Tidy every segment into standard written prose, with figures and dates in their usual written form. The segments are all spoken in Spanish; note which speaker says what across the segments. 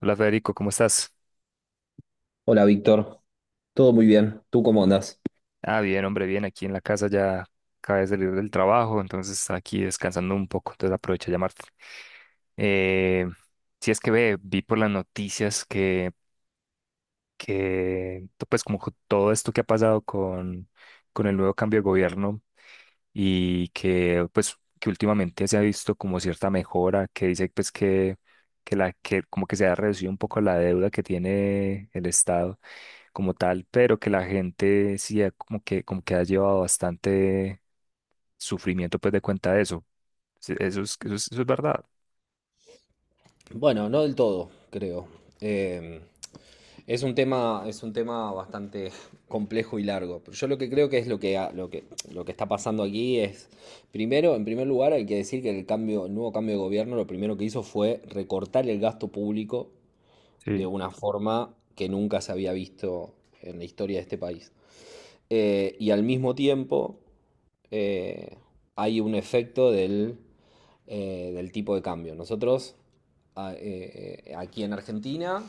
Speaker 1: Hola Federico, ¿cómo estás?
Speaker 2: Hola Víctor, todo muy bien, ¿tú cómo andás?
Speaker 1: Ah, bien, hombre, bien, aquí en la casa ya acabé de salir del trabajo, entonces aquí descansando un poco, entonces aprovecho a llamarte. Eh, si es que ve, vi por las noticias que, pues como todo esto que ha pasado con el nuevo cambio de gobierno y que pues que últimamente se ha visto como cierta mejora, que dice pues que la que como que se ha reducido un poco la deuda que tiene el Estado como tal, pero que la gente sí ha como que ha llevado bastante sufrimiento pues de cuenta de eso. Sí, eso es, eso es, eso es verdad.
Speaker 2: Bueno, no del todo, creo. Em, es un tema, es un tema bastante complejo y largo. Pero yo lo que creo que es lo que, lo que, lo que está pasando aquí es, primero, en primer lugar, hay que decir que el cambio, el nuevo cambio de gobierno lo primero que hizo fue recortar el gasto público de
Speaker 1: Sí.
Speaker 2: una forma que nunca se había visto en la historia de este país. Y al mismo tiempo eh, hay un efecto del tipo de cambio. Nosotros aquí en Argentina,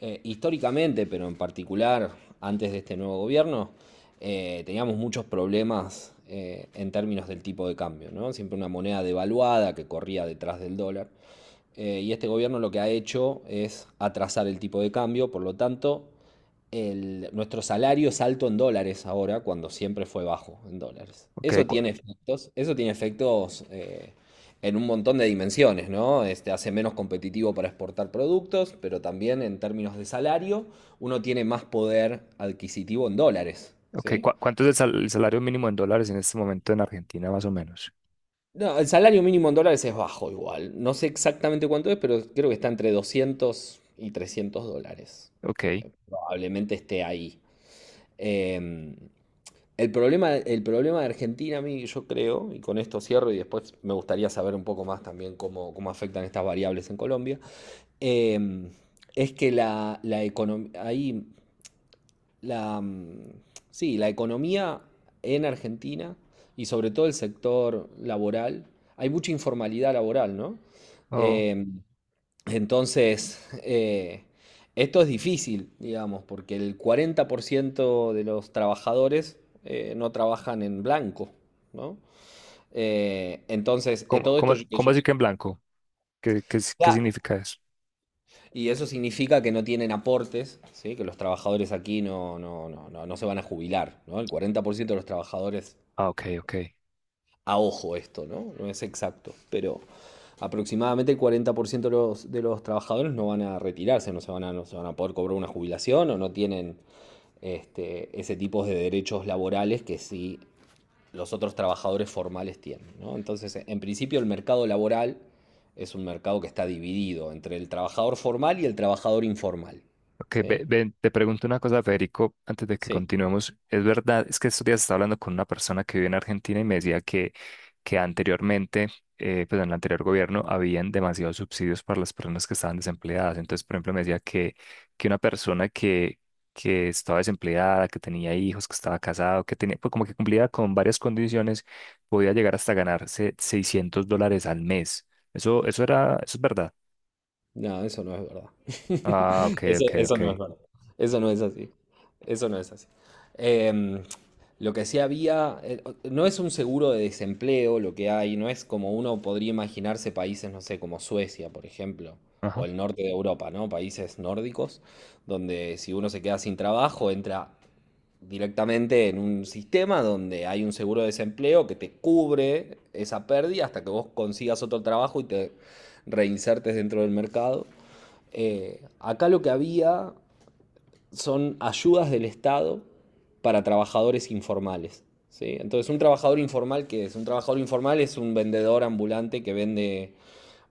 Speaker 2: históricamente, pero en particular antes de este nuevo gobierno, teníamos muchos problemas en términos del tipo de cambio, ¿no? Siempre una moneda devaluada que corría detrás del dólar. Y este gobierno lo que ha hecho es atrasar el tipo de cambio, por lo tanto, nuestro salario es alto en dólares ahora, cuando siempre fue bajo en dólares.
Speaker 1: Ok, cua-
Speaker 2: Eso tiene efectos en un montón de dimensiones, ¿no? Este, hace menos competitivo para exportar productos, pero también en términos de salario, uno tiene más poder adquisitivo en dólares, ¿sí?
Speaker 1: ¿Cuánto es el salario mínimo en dólares en este momento en Argentina más o menos?
Speaker 2: No, el salario mínimo en dólares es bajo igual. No sé exactamente cuánto es, pero creo que está entre $200 y $300.
Speaker 1: Ok.
Speaker 2: Probablemente esté ahí. Em, El problema, el problema de Argentina, a mí yo creo, y con esto cierro y después me gustaría saber un poco más también cómo, cómo afectan estas variables en Colombia, eh, es que la economía, ahí, la, mm, sí, la economía en Argentina y sobre todo el sector laboral, hay mucha informalidad laboral, ¿no?
Speaker 1: Oh.
Speaker 2: Eh, entonces, eh, esto es difícil, digamos, porque el 40% de los trabajadores no trabajan en blanco, ¿no?
Speaker 1: ¿Cómo,
Speaker 2: Todo esto
Speaker 1: cómo,
Speaker 2: que
Speaker 1: cómo
Speaker 2: yo...
Speaker 1: decir que en blanco? ¿Qué
Speaker 2: Claro,
Speaker 1: significa eso?
Speaker 2: y eso significa que no tienen aportes, ¿sí? Que los trabajadores aquí no se van a jubilar, ¿no? El 40% de los trabajadores
Speaker 1: Ah, ok, ok.
Speaker 2: a ojo esto, ¿no? No es exacto, pero aproximadamente el 40% de de los trabajadores no van a retirarse, no se no se van a poder cobrar una jubilación o no tienen este, ese tipo de derechos laborales que sí los otros trabajadores formales tienen. ¿No? Entonces, en principio el mercado laboral es un mercado que está dividido entre el trabajador formal y el trabajador informal.
Speaker 1: Ok.
Speaker 2: ¿Sí?
Speaker 1: Ven, te pregunto una cosa, Federico, antes de que
Speaker 2: Sí.
Speaker 1: continuemos. Es verdad, es que estos días estaba hablando con una persona que vive en Argentina y me decía que anteriormente, pues en el anterior gobierno, habían demasiados subsidios para las personas que estaban desempleadas. Entonces, por ejemplo, me decía que una persona que estaba desempleada, que tenía hijos, que estaba casado, que tenía, pues como que cumplía con varias condiciones, podía llegar hasta ganarse $600 al mes. Eso era, eso es verdad.
Speaker 2: No, eso no es verdad.
Speaker 1: Ah, ok,
Speaker 2: Eso,
Speaker 1: ok,
Speaker 2: eso
Speaker 1: ok.
Speaker 2: no es verdad. Eso no es así. Eso no es así. Em, lo que sí había, no es un seguro de desempleo lo que hay, no es como uno podría imaginarse países, no sé, como Suecia, por ejemplo, o
Speaker 1: Ajá.
Speaker 2: el norte de Europa, ¿no? Países nórdicos, donde si uno se queda sin trabajo, entra directamente en un sistema donde hay un seguro de desempleo que te cubre esa pérdida hasta que vos consigas otro trabajo y te reinsertes dentro del mercado. Acá lo que había son ayudas del Estado para trabajadores informales. ¿Sí? Entonces, un trabajador informal, ¿qué es? Un trabajador informal es un vendedor ambulante que vende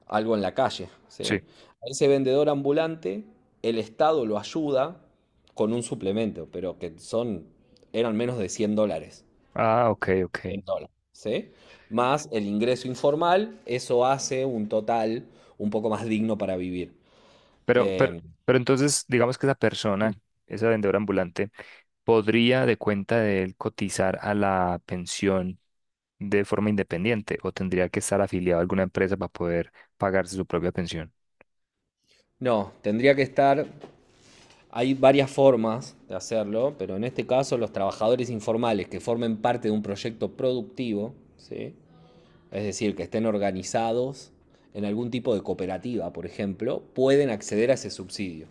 Speaker 2: algo en la calle. ¿Sí? A ese vendedor ambulante, el Estado lo ayuda con un suplemento, pero que son, eran menos de $100
Speaker 1: Ah, ok, ok.
Speaker 2: en dólar. ¿Sí? Más el ingreso informal, eso hace un total un poco más digno para vivir.
Speaker 1: Pero, pero,
Speaker 2: Eh,
Speaker 1: pero entonces, digamos que esa persona,
Speaker 2: Sí.
Speaker 1: esa vendedora ambulante, podría de cuenta de él cotizar a la pensión de forma independiente o tendría que estar afiliado a alguna empresa para poder pagarse su propia pensión.
Speaker 2: No, tendría que estar. Hay varias formas de hacerlo, pero en este caso los trabajadores informales que formen parte de un proyecto productivo, ¿sí? Es decir, que estén organizados en algún tipo de cooperativa, por ejemplo, pueden acceder a ese subsidio.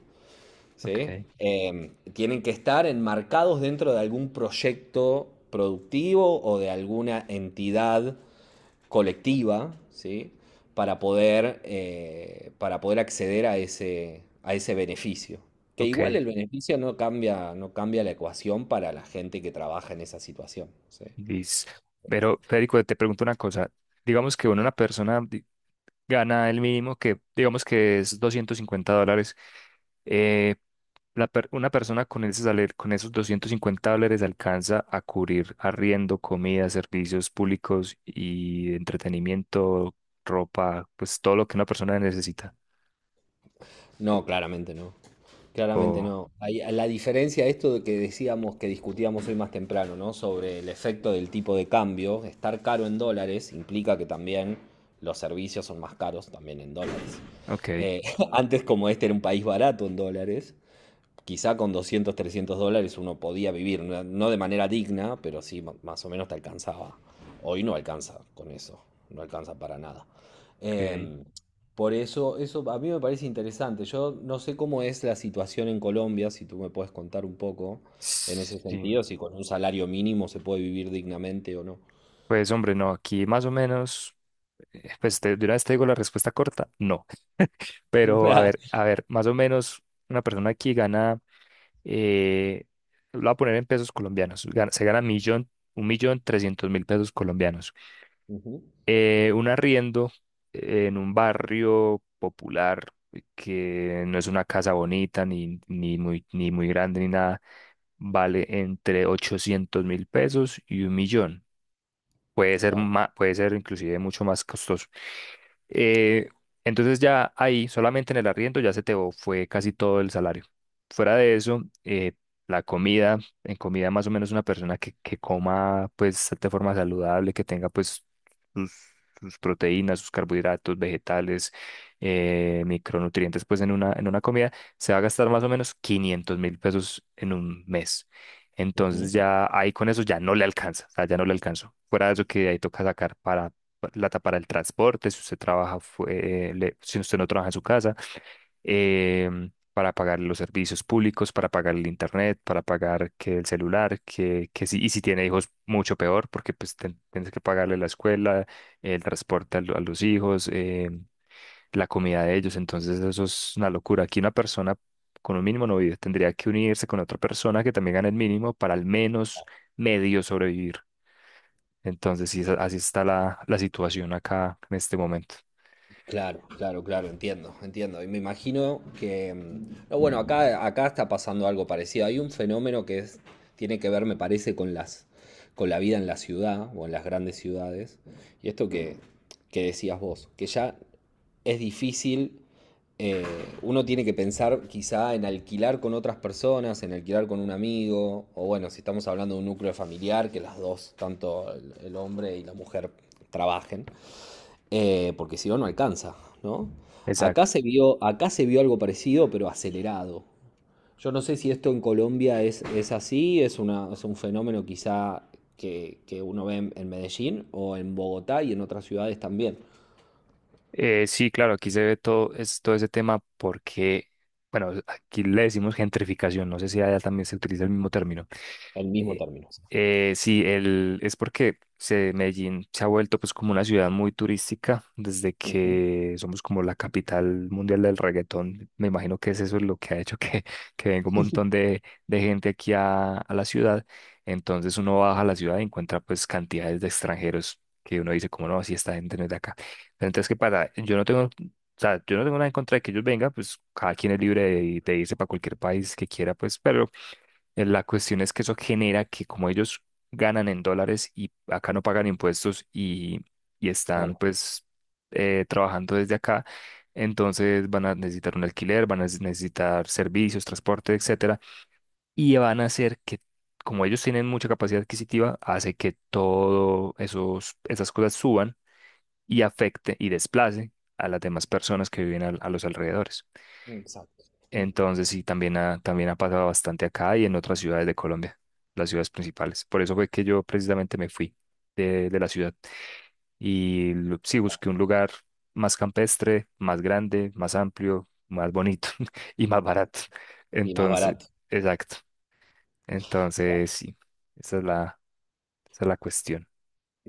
Speaker 2: ¿Sí?
Speaker 1: Ok,
Speaker 2: Tienen que estar enmarcados dentro de algún proyecto productivo o de alguna entidad colectiva, ¿sí? Para poder acceder a ese beneficio. Que
Speaker 1: ok,
Speaker 2: igual el beneficio no cambia, no cambia la ecuación para la gente que trabaja en esa situación, ¿sí?
Speaker 1: Liz. Pero, Federico, te pregunto una cosa. Digamos que bueno, gana el mínimo, que digamos que es $250. eh, una persona con con esos $250 alcanza a cubrir arriendo, comida, servicios públicos y entretenimiento, ropa, pues todo lo que una persona necesita.
Speaker 2: No, claramente no. Claramente
Speaker 1: Oh,
Speaker 2: no. La diferencia de esto de que decíamos que discutíamos hoy más temprano, ¿no? Sobre el efecto del tipo de cambio, estar caro en dólares implica que también los servicios son más caros también en dólares.
Speaker 1: ok,
Speaker 2: Eh, Antes, como este era un país barato en dólares, quizá con $200 $300 uno podía vivir, no de manera digna, pero sí más o menos te alcanzaba. Hoy no alcanza con eso, no alcanza para nada.
Speaker 1: ok.
Speaker 2: Em, por eso, eso a mí me parece interesante. Yo no sé cómo es la situación en Colombia, si tú me puedes contar un poco en ese
Speaker 1: Sí.
Speaker 2: sentido, si con un salario mínimo se puede vivir dignamente o no.
Speaker 1: Pues hombre, no, aquí más o menos, de una vez te digo la respuesta corta, no. Pero a ver, más o menos una persona aquí gana, eh, lo voy a poner en pesos colombianos. Se gana un millón trescientos mil pesos colombianos.
Speaker 2: Ujú,
Speaker 1: Un arriendo en un barrio popular, que no es una casa bonita, ni muy grande ni nada, vale entre 800.000 pesos y 1.000.000. Puede ser
Speaker 2: claro.
Speaker 1: puede ser inclusive mucho más costoso. Eh, entonces ya ahí, solamente en el arriendo, ya se te fue casi todo el salario. Fuera de eso, la comida. En comida más o menos una persona que coma pues de forma saludable, que tenga pues sus, sus proteínas, sus carbohidratos, vegetales, micronutrientes pues en una comida, se va a gastar más o menos 500.000 pesos en un mes. Entonces ya ahí con eso ya no le alcanza, o sea, ya no le alcanzo. Fuera de eso, que ahí toca sacar para plata para el transporte, si usted trabaja, si usted no trabaja en su casa, para pagar los servicios públicos, para pagar el internet, para pagar que el celular, que si, y si tiene hijos, mucho peor, porque pues tienes que pagarle la escuela, el transporte a los hijos, la comida de ellos. Entonces eso es una locura. Aquí una persona con un mínimo no vive. Tendría que unirse con otra persona que también gane el mínimo para al menos medio sobrevivir. Entonces sí, así está la situación acá en este momento.
Speaker 2: Claro, claro, claro, entiendo, entiendo. Y me imagino que, mm, no, bueno, acá, acá está pasando algo parecido. Hay un fenómeno que es, tiene que ver, me parece, con con la vida en la ciudad o en las grandes ciudades. Y esto que decías vos, que ya es difícil, eh, uno tiene que pensar quizá en alquilar con otras personas, en alquilar con un amigo, o bueno, si estamos hablando de un núcleo familiar, que las dos, tanto el hombre y la mujer, trabajen. Porque si no, no alcanza, ¿no?
Speaker 1: Exacto.
Speaker 2: Acá se vio algo parecido, pero acelerado. Yo no sé si esto en Colombia es así, es una, es un fenómeno quizá que uno ve en Medellín o en Bogotá y en otras ciudades también.
Speaker 1: Sí, claro, aquí se ve todo ese tema, porque bueno, aquí le decimos gentrificación. No sé si allá también se utiliza el mismo término.
Speaker 2: El mismo
Speaker 1: Eh,
Speaker 2: término.
Speaker 1: sí, el, es porque se, Medellín se ha vuelto pues como una ciudad muy turística desde
Speaker 2: Ujú.
Speaker 1: que somos como la capital mundial del reggaetón. Me imagino que es eso lo que ha hecho que, que venga un montón de gente aquí a la ciudad. Entonces uno baja a la ciudad y encuentra pues cantidades de extranjeros que uno dice como no, si esta gente no es de acá. Pero entonces, ¿qué pasa? Yo no tengo... O sea, yo no tengo nada en contra de que ellos vengan, pues cada quien es libre de irse para cualquier país que quiera, pues, pero la cuestión es que eso genera que como ellos ganan en dólares y acá no pagan impuestos, y están
Speaker 2: Claro.
Speaker 1: pues trabajando desde acá, entonces van a necesitar un alquiler, van a necesitar servicios, transporte, etcétera, y van a hacer que, como ellos tienen mucha capacidad adquisitiva, hace que todo esos esas cosas suban y afecte y desplace a las demás personas que viven a los alrededores.
Speaker 2: Exacto. Mm.
Speaker 1: Entonces sí, también ha pasado bastante acá y en otras ciudades de Colombia, las ciudades principales. Por eso fue que yo precisamente me fui de la ciudad y sí busqué un lugar más campestre, más grande, más amplio, más bonito y más barato.
Speaker 2: Y más
Speaker 1: Entonces,
Speaker 2: barato.
Speaker 1: exacto. Entonces sí, esa es la, esa es la cuestión.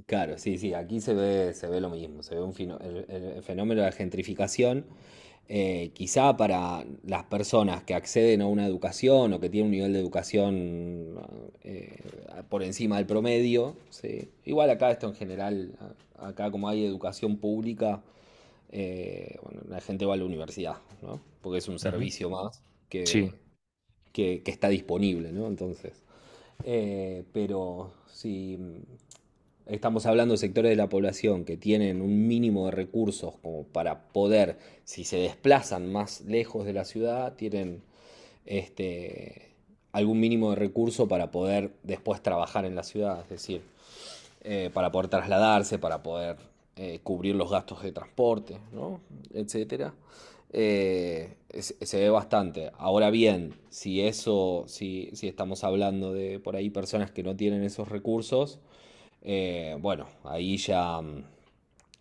Speaker 2: Claro, sí, sí, aquí se ve lo mismo, se ve un el fenómeno de la gentrificación, quizá para las personas que acceden a una educación o que tienen un nivel de educación eh, por encima del promedio, sí. Igual acá esto en general, acá como hay educación pública, bueno, la gente va a la universidad, ¿no? Porque es un
Speaker 1: Ujú.
Speaker 2: servicio más
Speaker 1: Sí.
Speaker 2: que, que está disponible, ¿no? Entonces, pero sí, estamos hablando de sectores de la población que tienen un mínimo de recursos como para poder, si se desplazan más lejos de la ciudad, tienen este, algún mínimo de recurso para poder después trabajar en la ciudad, es decir, para poder trasladarse, para poder cubrir los gastos de transporte, ¿no? Etcétera. Se ve bastante. Ahora bien, si eso, si, si estamos hablando de por ahí personas que no tienen esos recursos, bueno, ahí ya mm,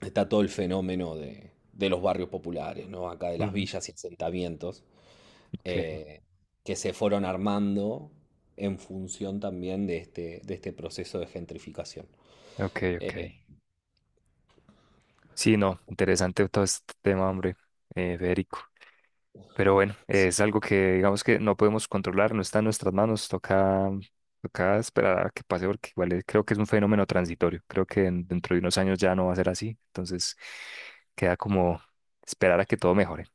Speaker 2: está todo el fenómeno de los barrios populares, ¿no? Acá de las
Speaker 1: Ujú.
Speaker 2: villas y asentamientos,
Speaker 1: Ok,
Speaker 2: eh, que se fueron armando en función también de este proceso de gentrificación.
Speaker 1: ok, ok.
Speaker 2: Eh,
Speaker 1: Sí, no, interesante todo este tema, hombre, Federico. Pero bueno, es algo que digamos que no podemos controlar, no está en nuestras manos, toca, esperar a que pase, porque igual creo que es un fenómeno transitorio, creo que dentro de unos años ya no va a ser así, entonces queda como esperar a que todo mejore.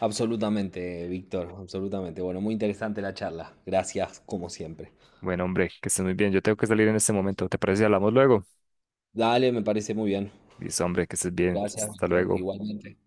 Speaker 2: Absolutamente, Víctor, absolutamente. Bueno, muy interesante la charla. Gracias, como siempre.
Speaker 1: Bueno, hombre, que estés muy bien, yo tengo que salir en este momento, ¿te parece si hablamos luego?
Speaker 2: Dale, me parece muy bien.
Speaker 1: Listo, hombre, que estés bien,
Speaker 2: Gracias,
Speaker 1: hasta
Speaker 2: Víctor.
Speaker 1: luego.
Speaker 2: Igualmente.